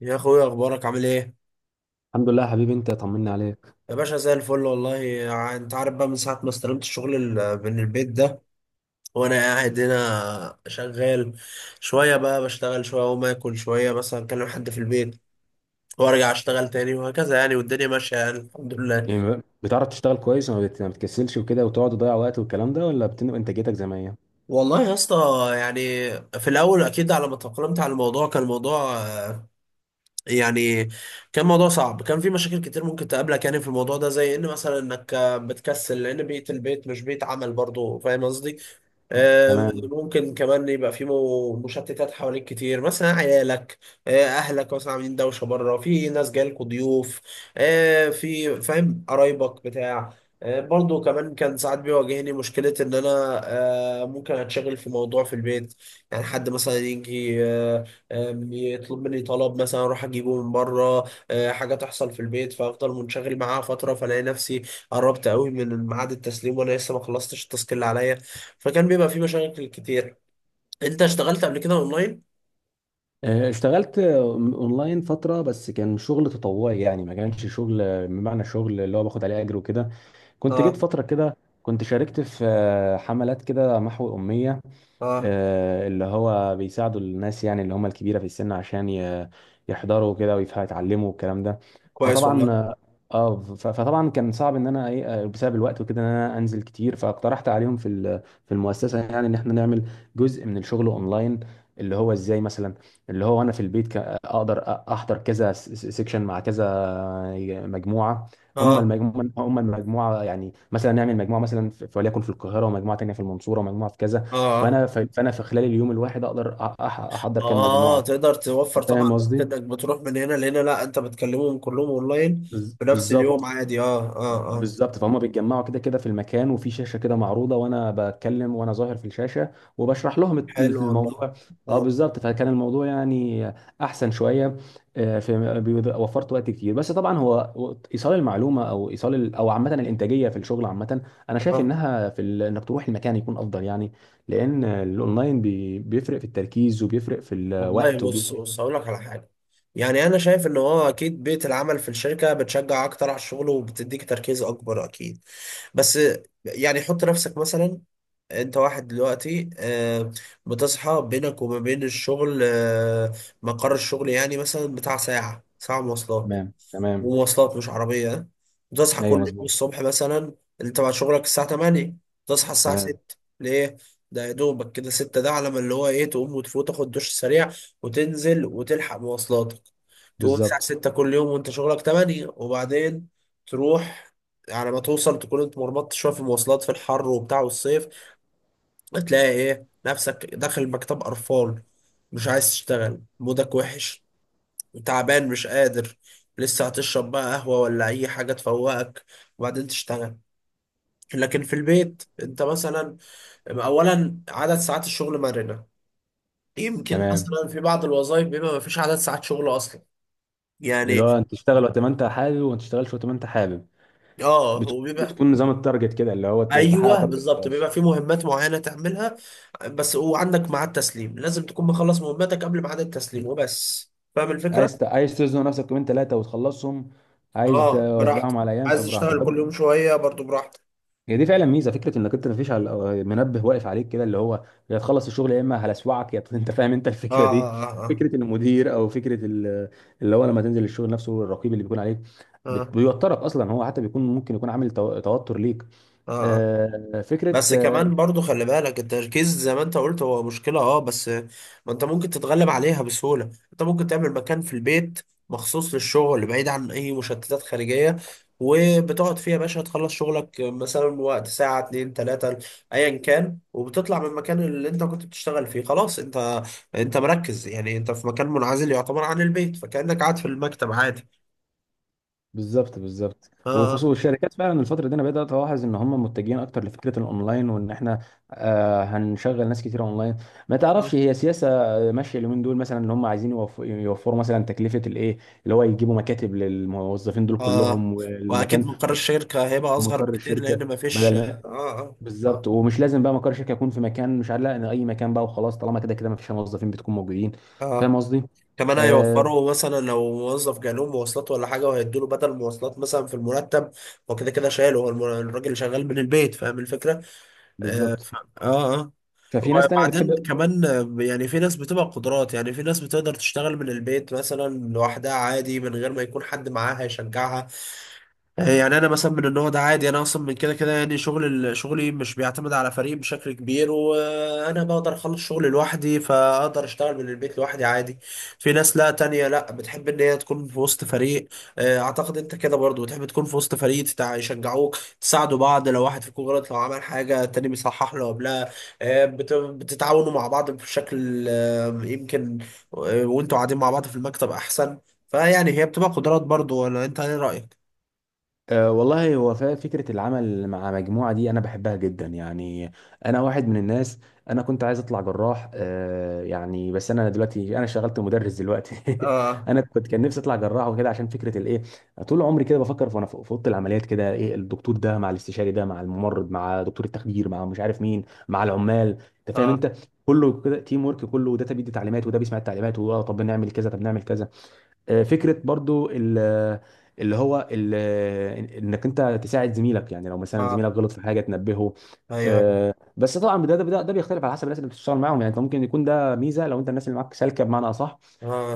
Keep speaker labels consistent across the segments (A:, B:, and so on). A: يا اخويا اخبارك عامل ايه؟
B: الحمد لله يا حبيبي، انت طمني عليك.
A: يا باشا زي الفل والله انت عارف بقى من ساعه ما استلمت الشغل من البيت ده، وانا قاعد هنا شغال. شويه بقى بشتغل شويه اقوم اكل شويه مثلا اكلم حد في البيت، وارجع اشتغل تاني وهكذا يعني، والدنيا ماشيه يعني الحمد لله.
B: يعني بتعرف تشتغل كويس وما ما بتكسلش وكده وتقعد تضيع وقت والكلام ده، ولا انتاجيتك زي ما هي؟
A: والله يا اسطى يعني في الاول اكيد على ما تأقلمت على الموضوع كان الموضوع يعني كان موضوع صعب، كان في مشاكل كتير ممكن تقابلك يعني في الموضوع ده، زي ان مثلا انك بتكسل لان بيئه البيت مش بيئه عمل، برضو فاهم قصدي.
B: تمام.
A: ممكن كمان يبقى في مشتتات حواليك كتير، مثلا عيالك، اهلك مثلا عاملين دوشه بره، في ناس جايلكوا ضيوف، في فاهم قرايبك بتاع. برضو كمان كان ساعات بيواجهني مشكله ان انا ممكن اتشغل في موضوع في البيت، يعني حد مثلا يجي يطلب مني طلب مثلا اروح اجيبه من بره، حاجه تحصل في البيت فافضل منشغل معاها فتره فلاقي نفسي قربت قوي من ميعاد التسليم وانا لسه ما خلصتش التاسك اللي عليا، فكان بيبقى فيه مشاكل كتير. انت اشتغلت قبل كده اونلاين؟
B: اشتغلت اونلاين فتره، بس كان شغل تطوعي، يعني ما كانش شغل بمعنى شغل اللي هو باخد عليه اجر وكده. كنت جيت
A: اه.
B: فتره كده. كنت شاركت في حملات كده محو اميه،
A: اه.
B: اللي هو بيساعدوا الناس، يعني اللي هم الكبيرة في السن عشان يحضروا كده ويتعلموا الكلام ده.
A: كويس والله.
B: فطبعا. فطبعا كان صعب ان انا ايه، بسبب الوقت وكده ان انا انزل كتير، فاقترحت عليهم في في المؤسسة يعني ان احنا نعمل جزء من الشغل اونلاين. اللي هو ازاي مثلا، اللي هو انا في البيت اقدر احضر كذا سيكشن مع كذا مجموعة. هم
A: اه،
B: المجموعة هم المجموعة يعني مثلا نعمل مجموعة مثلا في وليكن في القاهرة، ومجموعة تانية في المنصورة، ومجموعة في كذا.
A: اه،
B: فانا في خلال اليوم الواحد اقدر احضر كام
A: اه،
B: مجموعه.
A: تقدر توفر
B: انت
A: طبعا
B: فاهم
A: وقت
B: قصدي.
A: انك بتروح من هنا لهنا، لا انت بتكلمهم كلهم اونلاين بنفس اليوم
B: بالظبط.
A: عادي. اه، اه، اه،
B: بالظبط، فهم بيتجمعوا كده كده في المكان، وفي شاشه كده معروضه، وانا بتكلم وانا ظاهر في الشاشه، وبشرح لهم
A: حلو والله.
B: الموضوع. اه
A: آه.
B: بالظبط، فكان الموضوع يعني احسن شويه. في وفرت وقت كتير، بس طبعا هو ايصال المعلومه او ايصال او عامه الانتاجيه في الشغل عامه، انا شايف
A: اه
B: انها في انك تروح المكان يكون افضل يعني. لان الاونلاين بيفرق في التركيز وبيفرق في
A: والله
B: الوقت
A: بص
B: وبيفرق.
A: بص هقول لك على حاجه. يعني انا شايف ان هو اكيد بيئه العمل في الشركه بتشجع اكتر على الشغل وبتديك تركيز اكبر اكيد، بس يعني حط نفسك مثلا، انت واحد دلوقتي بتصحى بينك وما بين الشغل، مقر الشغل، يعني مثلا بتاع ساعة، ساعة مواصلات،
B: تمام تمام.
A: ومواصلات مش عربية، ها؟ بتصحى
B: ايوه
A: كل يوم
B: مظبوط.
A: الصبح مثلا انت تبع شغلك الساعة 8، تصحى الساعة
B: تمام.
A: 6. ليه؟ ده يا دوبك كده 6، ده على ما اللي هو ايه تقوم وتفوت تاخد دش سريع وتنزل وتلحق مواصلاتك. تقوم الساعة
B: بالظبط.
A: 6 كل يوم وانت شغلك 8، وبعدين تروح، على ما توصل تكون انت مرمطت شوية في المواصلات في الحر وبتاع والصيف، هتلاقي ايه نفسك داخل مكتب قرفان، مش عايز تشتغل، مودك وحش، تعبان مش قادر، لسه هتشرب بقى قهوة ولا أي حاجة تفوقك، وبعدين تشتغل. لكن في البيت أنت مثلا أولا عدد ساعات الشغل مرنة، يمكن
B: تمام.
A: مثلا في بعض الوظائف بيبقى مفيش عدد ساعات شغل أصلا
B: اللي
A: يعني.
B: هو انت تشتغل وقت ما انت حابب، وما تشتغلش وقت ما انت حابب.
A: اه، وبيبقى،
B: بتكون نظام التارجت كده، اللي هو تحقق
A: ايوه
B: تارجت
A: بالظبط،
B: وخلاص.
A: بيبقى في مهمات معينه تعملها بس، وعندك ميعاد تسليم لازم تكون مخلص مهمتك قبل ميعاد التسليم وبس، فاهم الفكره.
B: عايز تزنق نفسك يومين ثلاثه وتخلصهم، عايز
A: اه براحتك،
B: توزعهم على ايام
A: عايز
B: فبراحتك
A: تشتغل كل يوم شوية برضو براحتك.
B: هي دي فعلا ميزه، فكره انك انت مفيش على منبه واقف عليك كده، اللي هو يا تخلص الشغل يا اما هلسوعك يا انت فاهم انت
A: اه،
B: الفكره دي.
A: اه، اه.
B: فكره المدير او فكره اللي هو لما تنزل الشغل نفسه، الرقيب اللي بيكون عليك
A: اه، اه،
B: بيوترك اصلا، هو حتى بيكون ممكن يكون عامل توتر ليك.
A: اه. آه.
B: فكره
A: بس كمان برضو خلي بالك التركيز زي ما انت قلت هو مشكلة، اه، بس ما، انت ممكن تتغلب عليها بسهولة، انت ممكن تعمل مكان في البيت مخصوص للشغل بعيد عن اي مشتتات خارجية، وبتقعد فيها يا باشا تخلص شغلك مثلا وقت ساعة، اتنين، تلاتة، ايا كان، وبتطلع من المكان اللي انت كنت بتشتغل فيه خلاص، انت مركز، يعني انت في مكان منعزل يعتبر عن البيت، فكأنك قاعد في المكتب عادي.
B: بالظبط. بالظبط،
A: اه،
B: وخصوصا الشركات فعلا الفتره دي، انا بدات الاحظ ان هم متجهين اكتر لفكره الاونلاين، وان احنا هنشغل ناس كتير اونلاين، ما تعرفش
A: اه،
B: هي سياسه ماشيه اليومين دول مثلا، ان هم عايزين يوفروا مثلا تكلفه الايه، اللي هو يجيبوا مكاتب للموظفين دول
A: آه.
B: كلهم،
A: واكيد
B: والمكان
A: مقر الشركه هيبقى اصغر
B: ومقر
A: بكتير
B: الشركه.
A: لان مفيش،
B: بدل ما
A: اه، اه، اه،
B: بالظبط، ومش لازم بقى مقر الشركه يكون في مكان مش عارف، لا، ان اي مكان بقى وخلاص، طالما كده كده ما فيش موظفين بتكون موجودين. فاهم
A: اه،
B: قصدي؟
A: كمان
B: آه
A: هيوفروا مثلا لو موظف جاله مواصلات ولا حاجه وهيدوا له بدل مواصلات مثلا في المرتب، هو كده كده شايله، هو الراجل شغال من البيت، فاهم الفكره؟
B: بالظبط.
A: اه، اه،
B: ففي ناس تانية بتحب.
A: وبعدين كمان يعني في ناس بتبقى قدرات، يعني في ناس بتقدر تشتغل من البيت مثلا لوحدها عادي من غير ما يكون حد معاها يشجعها، يعني انا مثلا من النوع ده عادي، انا اصلا من كده كده يعني شغل شغلي مش بيعتمد على فريق بشكل كبير، وانا بقدر اخلص شغلي لوحدي، فاقدر اشتغل من البيت لوحدي عادي. في ناس لا تانية لا بتحب ان هي تكون في وسط فريق، اعتقد انت كده برضو بتحب تكون في وسط فريق، يشجعوك، تساعدوا بعض لو واحد فيكم غلط، لو عمل حاجة التاني بيصحح له قبلها، بتتعاونوا مع بعض بشكل يمكن، وانتوا قاعدين مع بعض في المكتب احسن، فيعني هي بتبقى قدرات برضو، ولا انت ايه رأيك؟
B: والله هو فكرة العمل مع مجموعة دي أنا بحبها جدا يعني. أنا واحد من الناس. أنا كنت عايز أطلع جراح يعني، بس أنا دلوقتي أنا شغلت مدرس دلوقتي.
A: اه،
B: أنا كان نفسي أطلع جراح وكده عشان فكرة الإيه، طول عمري كده بفكر في وأنا في أوضة العمليات كده، إيه، الدكتور ده مع الاستشاري ده مع الممرض مع دكتور التخدير مع مش عارف مين مع العمال، أنت فاهم
A: اه،
B: أنت. كله كده تيم ورك، كله وده بيدي تعليمات، وده بيسمع التعليمات، وده طب نعمل كذا طب نعمل كذا. فكره برضو اللي هو ال- انك انت تساعد زميلك، يعني لو مثلا
A: اه.
B: زميلك غلط في حاجه تنبهه.
A: ايوه، ايوه.
B: بس طبعا ده بيختلف على حسب الناس اللي بتشتغل معاهم، يعني انت ممكن يكون ده ميزه لو انت الناس اللي معاك سالكه بمعنى اصح.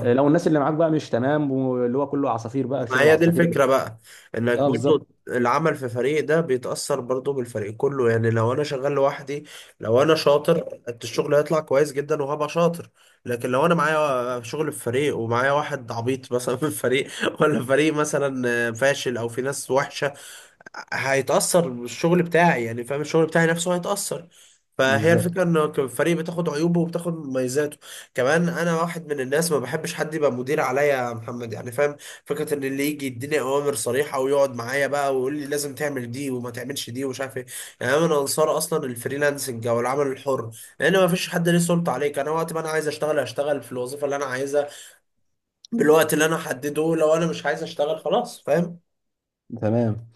B: لو الناس اللي معاك بقى مش تمام، واللي هو كله عصافير بقى،
A: ما
B: شغل
A: هي دي
B: العصافير اللي
A: الفكرة بقى، انك
B: اه. بالظبط
A: برضو العمل في فريق ده بيتأثر برضو بالفريق كله، يعني لو انا شغال لوحدي لو انا شاطر، الشغل هيطلع كويس جدا وهبقى شاطر، لكن لو انا معايا شغل في فريق ومعايا واحد عبيط مثلا في الفريق ولا فريق مثلا فاشل او في ناس وحشة، هيتأثر بالشغل بتاعي، يعني فاهم الشغل بتاعي نفسه هيتأثر، فهي
B: بالظبط
A: الفكرة ان الفريق بتاخد عيوبه وبتاخد مميزاته. كمان انا واحد من الناس ما بحبش حد يبقى مدير عليا يا محمد، يعني فاهم فكرة ان اللي يجي يديني اوامر صريحة ويقعد معايا بقى ويقول لي لازم تعمل دي وما تعملش دي ومش عارف ايه، يعني انا من انصار اصلا الفريلانسنج او العمل الحر، لان ما فيش حد ليه سلطة عليك، انا وقت ما انا عايز اشتغل هشتغل في الوظيفة اللي انا عايزها بالوقت اللي انا حدده، لو انا مش عايز اشتغل خلاص فاهم.
B: تمام.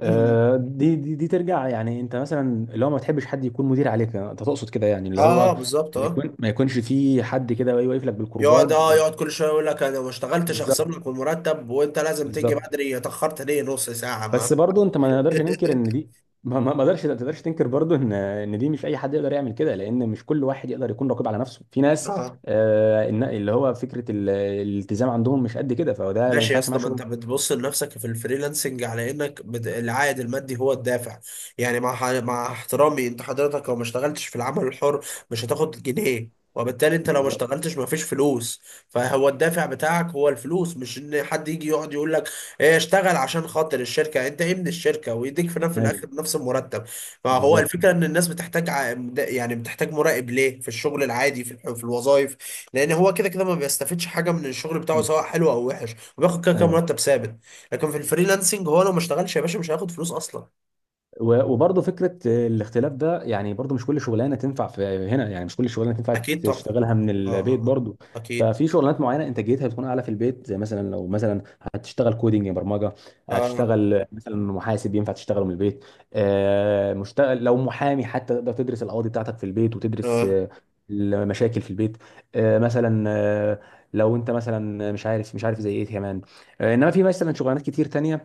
A: مم.
B: دي ترجع، يعني انت مثلا اللي هو ما تحبش حد يكون مدير عليك، انت تقصد كده، يعني اللي
A: اه،
B: هو
A: بالظبط، اه.
B: ما يكونش في حد كده واقف لك
A: يقعد،
B: بالكرباج
A: اه،
B: يعني.
A: يقعد كل شويه يقول لك انا ما اشتغلتش، اخصم
B: بالظبط.
A: لك المرتب، وانت لازم تيجي
B: بالظبط.
A: بدري، اتاخرت ليه نص ساعه.
B: بس برضه انت ما نقدرش ننكر ان دي، ما تقدرش تنكر برضه ان دي مش اي حد يقدر يعمل كده، لان مش كل واحد يقدر يكون رقيب على نفسه، في ناس
A: ما
B: اللي هو فكره الالتزام عندهم مش قد كده، فده ما
A: ماشي يا
B: ينفعش
A: اسطى،
B: معاه
A: ما انت
B: شغل.
A: بتبص لنفسك في الفريلانسنج على انك العائد المادي هو الدافع، يعني مع مع احترامي انت حضرتك لو ما اشتغلتش في العمل الحر مش هتاخد جنيه، وبالتالي انت لو ما
B: بالظبط.
A: اشتغلتش ما فيش فلوس، فهو الدافع بتاعك هو الفلوس، مش ان حد يجي يقعد يقول لك ايه اشتغل عشان خاطر الشركه، انت ايه من الشركه، ويديك في نفس في
B: ايوه
A: الاخر نفس المرتب، فهو
B: بالظبط.
A: الفكره ان الناس بتحتاج يعني بتحتاج مراقب ليه في الشغل العادي في في الوظائف، لان هو كده كده ما بيستفادش حاجه من الشغل بتاعه سواء حلو او وحش، وبياخد كده كده
B: ايوه.
A: مرتب ثابت، لكن في الفريلانسنج هو لو ما اشتغلش يا باشا مش هياخد فلوس اصلا.
B: وبرضه فكره الاختلاف ده، يعني برضه مش كل شغلانه تنفع في هنا، يعني مش كل شغلانه تنفع
A: اكيد طبعا.
B: تشتغلها من
A: اه، اه،
B: البيت
A: آه.
B: برضه.
A: اكيد.
B: ففي شغلانات معينه انتاجيتها بتكون اعلى في البيت، زي مثلا لو مثلا هتشتغل كودينج برمجه،
A: اه،
B: هتشتغل مثلا محاسب ينفع تشتغله من البيت. مشتغل لو محامي حتى، تقدر تدرس القواضي بتاعتك في البيت، وتدرس
A: اه،
B: المشاكل في البيت. آه، مثلا آه، لو انت مثلا مش عارف مش عارف زي ايه كمان. انما في مثلا شغلانات كتير تانية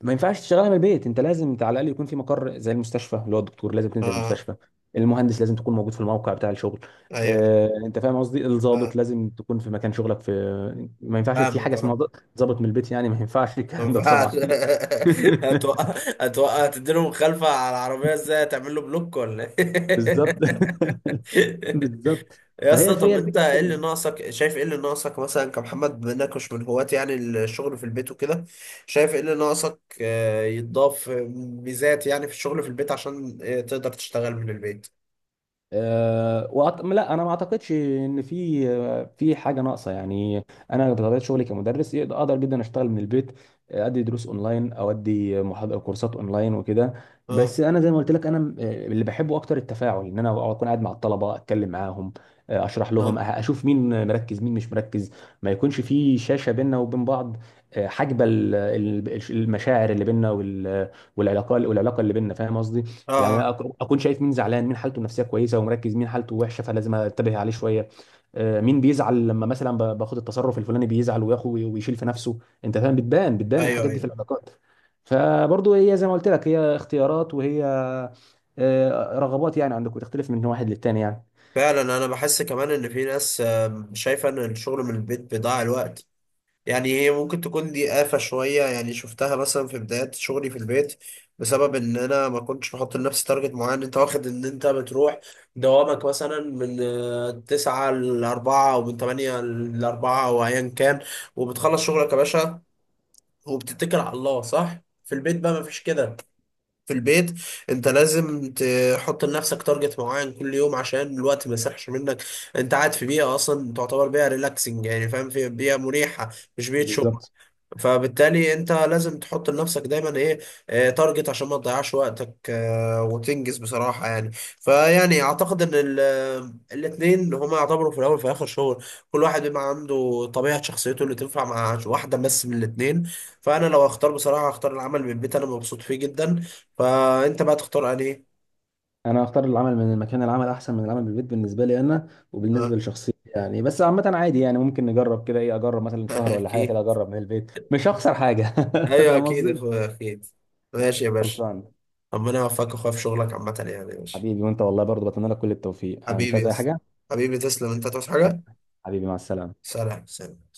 B: ما ينفعش تشتغلها من البيت، انت لازم انت على الاقل يكون في مقر، زي المستشفى اللي هو الدكتور لازم تنزل
A: اه.
B: المستشفى، المهندس لازم تكون موجود في الموقع بتاع الشغل.
A: ايوه، أيوه.
B: اه انت فاهم قصدي،
A: اه،
B: الضابط لازم تكون في مكان شغلك. في ما ينفعش في حاجه
A: فاهمك،
B: اسمها
A: اه،
B: ضابط من البيت يعني، ما ينفعش
A: ما
B: الكلام ده
A: ينفعش
B: طبعا.
A: هتوقع، هتوقع تديله مخالفة على العربية، ازاي هتعمل له بلوك ولا ايه؟
B: بالظبط. بالظبط.
A: يا
B: فهي
A: اسطى، طب
B: فيها
A: انت
B: الفكره في
A: ايه
B: كده.
A: اللي ناقصك، شايف ايه اللي ناقصك مثلا كمحمد، بما انك مش من هواة يعني الشغل في البيت وكده، شايف ايه اللي ناقصك يتضاف ميزات يعني في الشغل في البيت، عشان تقدر تشتغل من البيت.
B: لا انا ما اعتقدش ان في في حاجه ناقصه يعني. انا بطبيعه شغلي كمدرس اقدر جدا اشتغل من البيت، ادي دروس اونلاين او ادي محاضره كورسات اونلاين وكده.
A: اه،
B: بس انا زي ما قلت لك انا اللي بحبه اكتر التفاعل، ان انا اكون قاعد مع الطلبه، اتكلم معاهم، اشرح لهم
A: اه،
B: اشوف مين مركز مين مش مركز، ما يكونش في شاشه بيننا وبين بعض، حاجبه المشاعر اللي بيننا والعلاقه والعلاقه اللي بيننا، فاهم قصدي، يعني
A: اه.
B: اكون شايف مين زعلان، مين حالته النفسيه كويسه ومركز، مين حالته وحشه فلازم انتبه عليه شويه، مين بيزعل لما مثلا باخد التصرف الفلاني بيزعل وياخد ويشيل في نفسه، انت فاهم، بتبان بتبان
A: ايوه،
B: الحاجات دي في
A: ايوه.
B: العلاقات. فبرضه هي زي ما قلت لك، هي اختيارات، وهي رغبات يعني عندك، وتختلف من واحد للتاني يعني.
A: فعلا انا بحس كمان ان في ناس شايفه ان الشغل من البيت بيضيع الوقت، يعني هي ممكن تكون دي آفة شوية، يعني شفتها مثلا في بداية شغلي في البيت بسبب إن أنا ما كنتش بحط لنفسي تارجت معين، أنت واخد إن أنت بتروح دوامك مثلا من تسعة لأربعة أو من تمانية لأربعة أو أيا كان، وبتخلص شغلك يا باشا وبتتكل على الله صح؟ في البيت بقى مفيش كده، في البيت انت لازم تحط لنفسك تارجت معين كل يوم عشان الوقت ما يسرحش منك، انت قاعد في بيئه اصلا تعتبر بيئه ريلاكسنج، يعني فاهم في بيئه مريحه، مش بيئه شغل،
B: بالظبط.
A: فبالتالي انت لازم تحط لنفسك دايما ايه، تارجت عشان ما تضيعش وقتك، وتنجز بصراحة، يعني فيعني اعتقد ان الاتنين هما يعتبروا في الاول وفي الاخر شغل، كل واحد بيبقى عنده طبيعة شخصيته اللي تنفع مع واحدة بس من الاتنين، فانا لو هختار بصراحة هختار العمل من البيت، انا مبسوط فيه جدا، فانت بقى تختار انهي.
B: انا اختار العمل من المكان، العمل احسن من العمل بالبيت بالنسبه لي انا
A: آه،
B: وبالنسبه لشخصيتي يعني. بس عامه عادي يعني، ممكن نجرب كده، ايه، اجرب مثلا شهر ولا حاجه كده،
A: اكيد.
B: اجرب من البيت مش هخسر حاجه.
A: ايوه
B: فاهم
A: اكيد يا
B: قصدي.
A: اخويا اكيد. ماشي يا باشا.
B: خلصان.
A: ربنا يوفقك يا اخويا في شغلك عامة يعني يا باشا.
B: حبيبي وانت والله برضه بتمنى لك كل التوفيق، أنا مش
A: حبيبي يا
B: عايز اي
A: اسطى.
B: حاجه.
A: حبيبي تسلم، انت هتعوز
B: آه،
A: حاجة.
B: حبيبي مع السلامه.
A: سلام، سلام.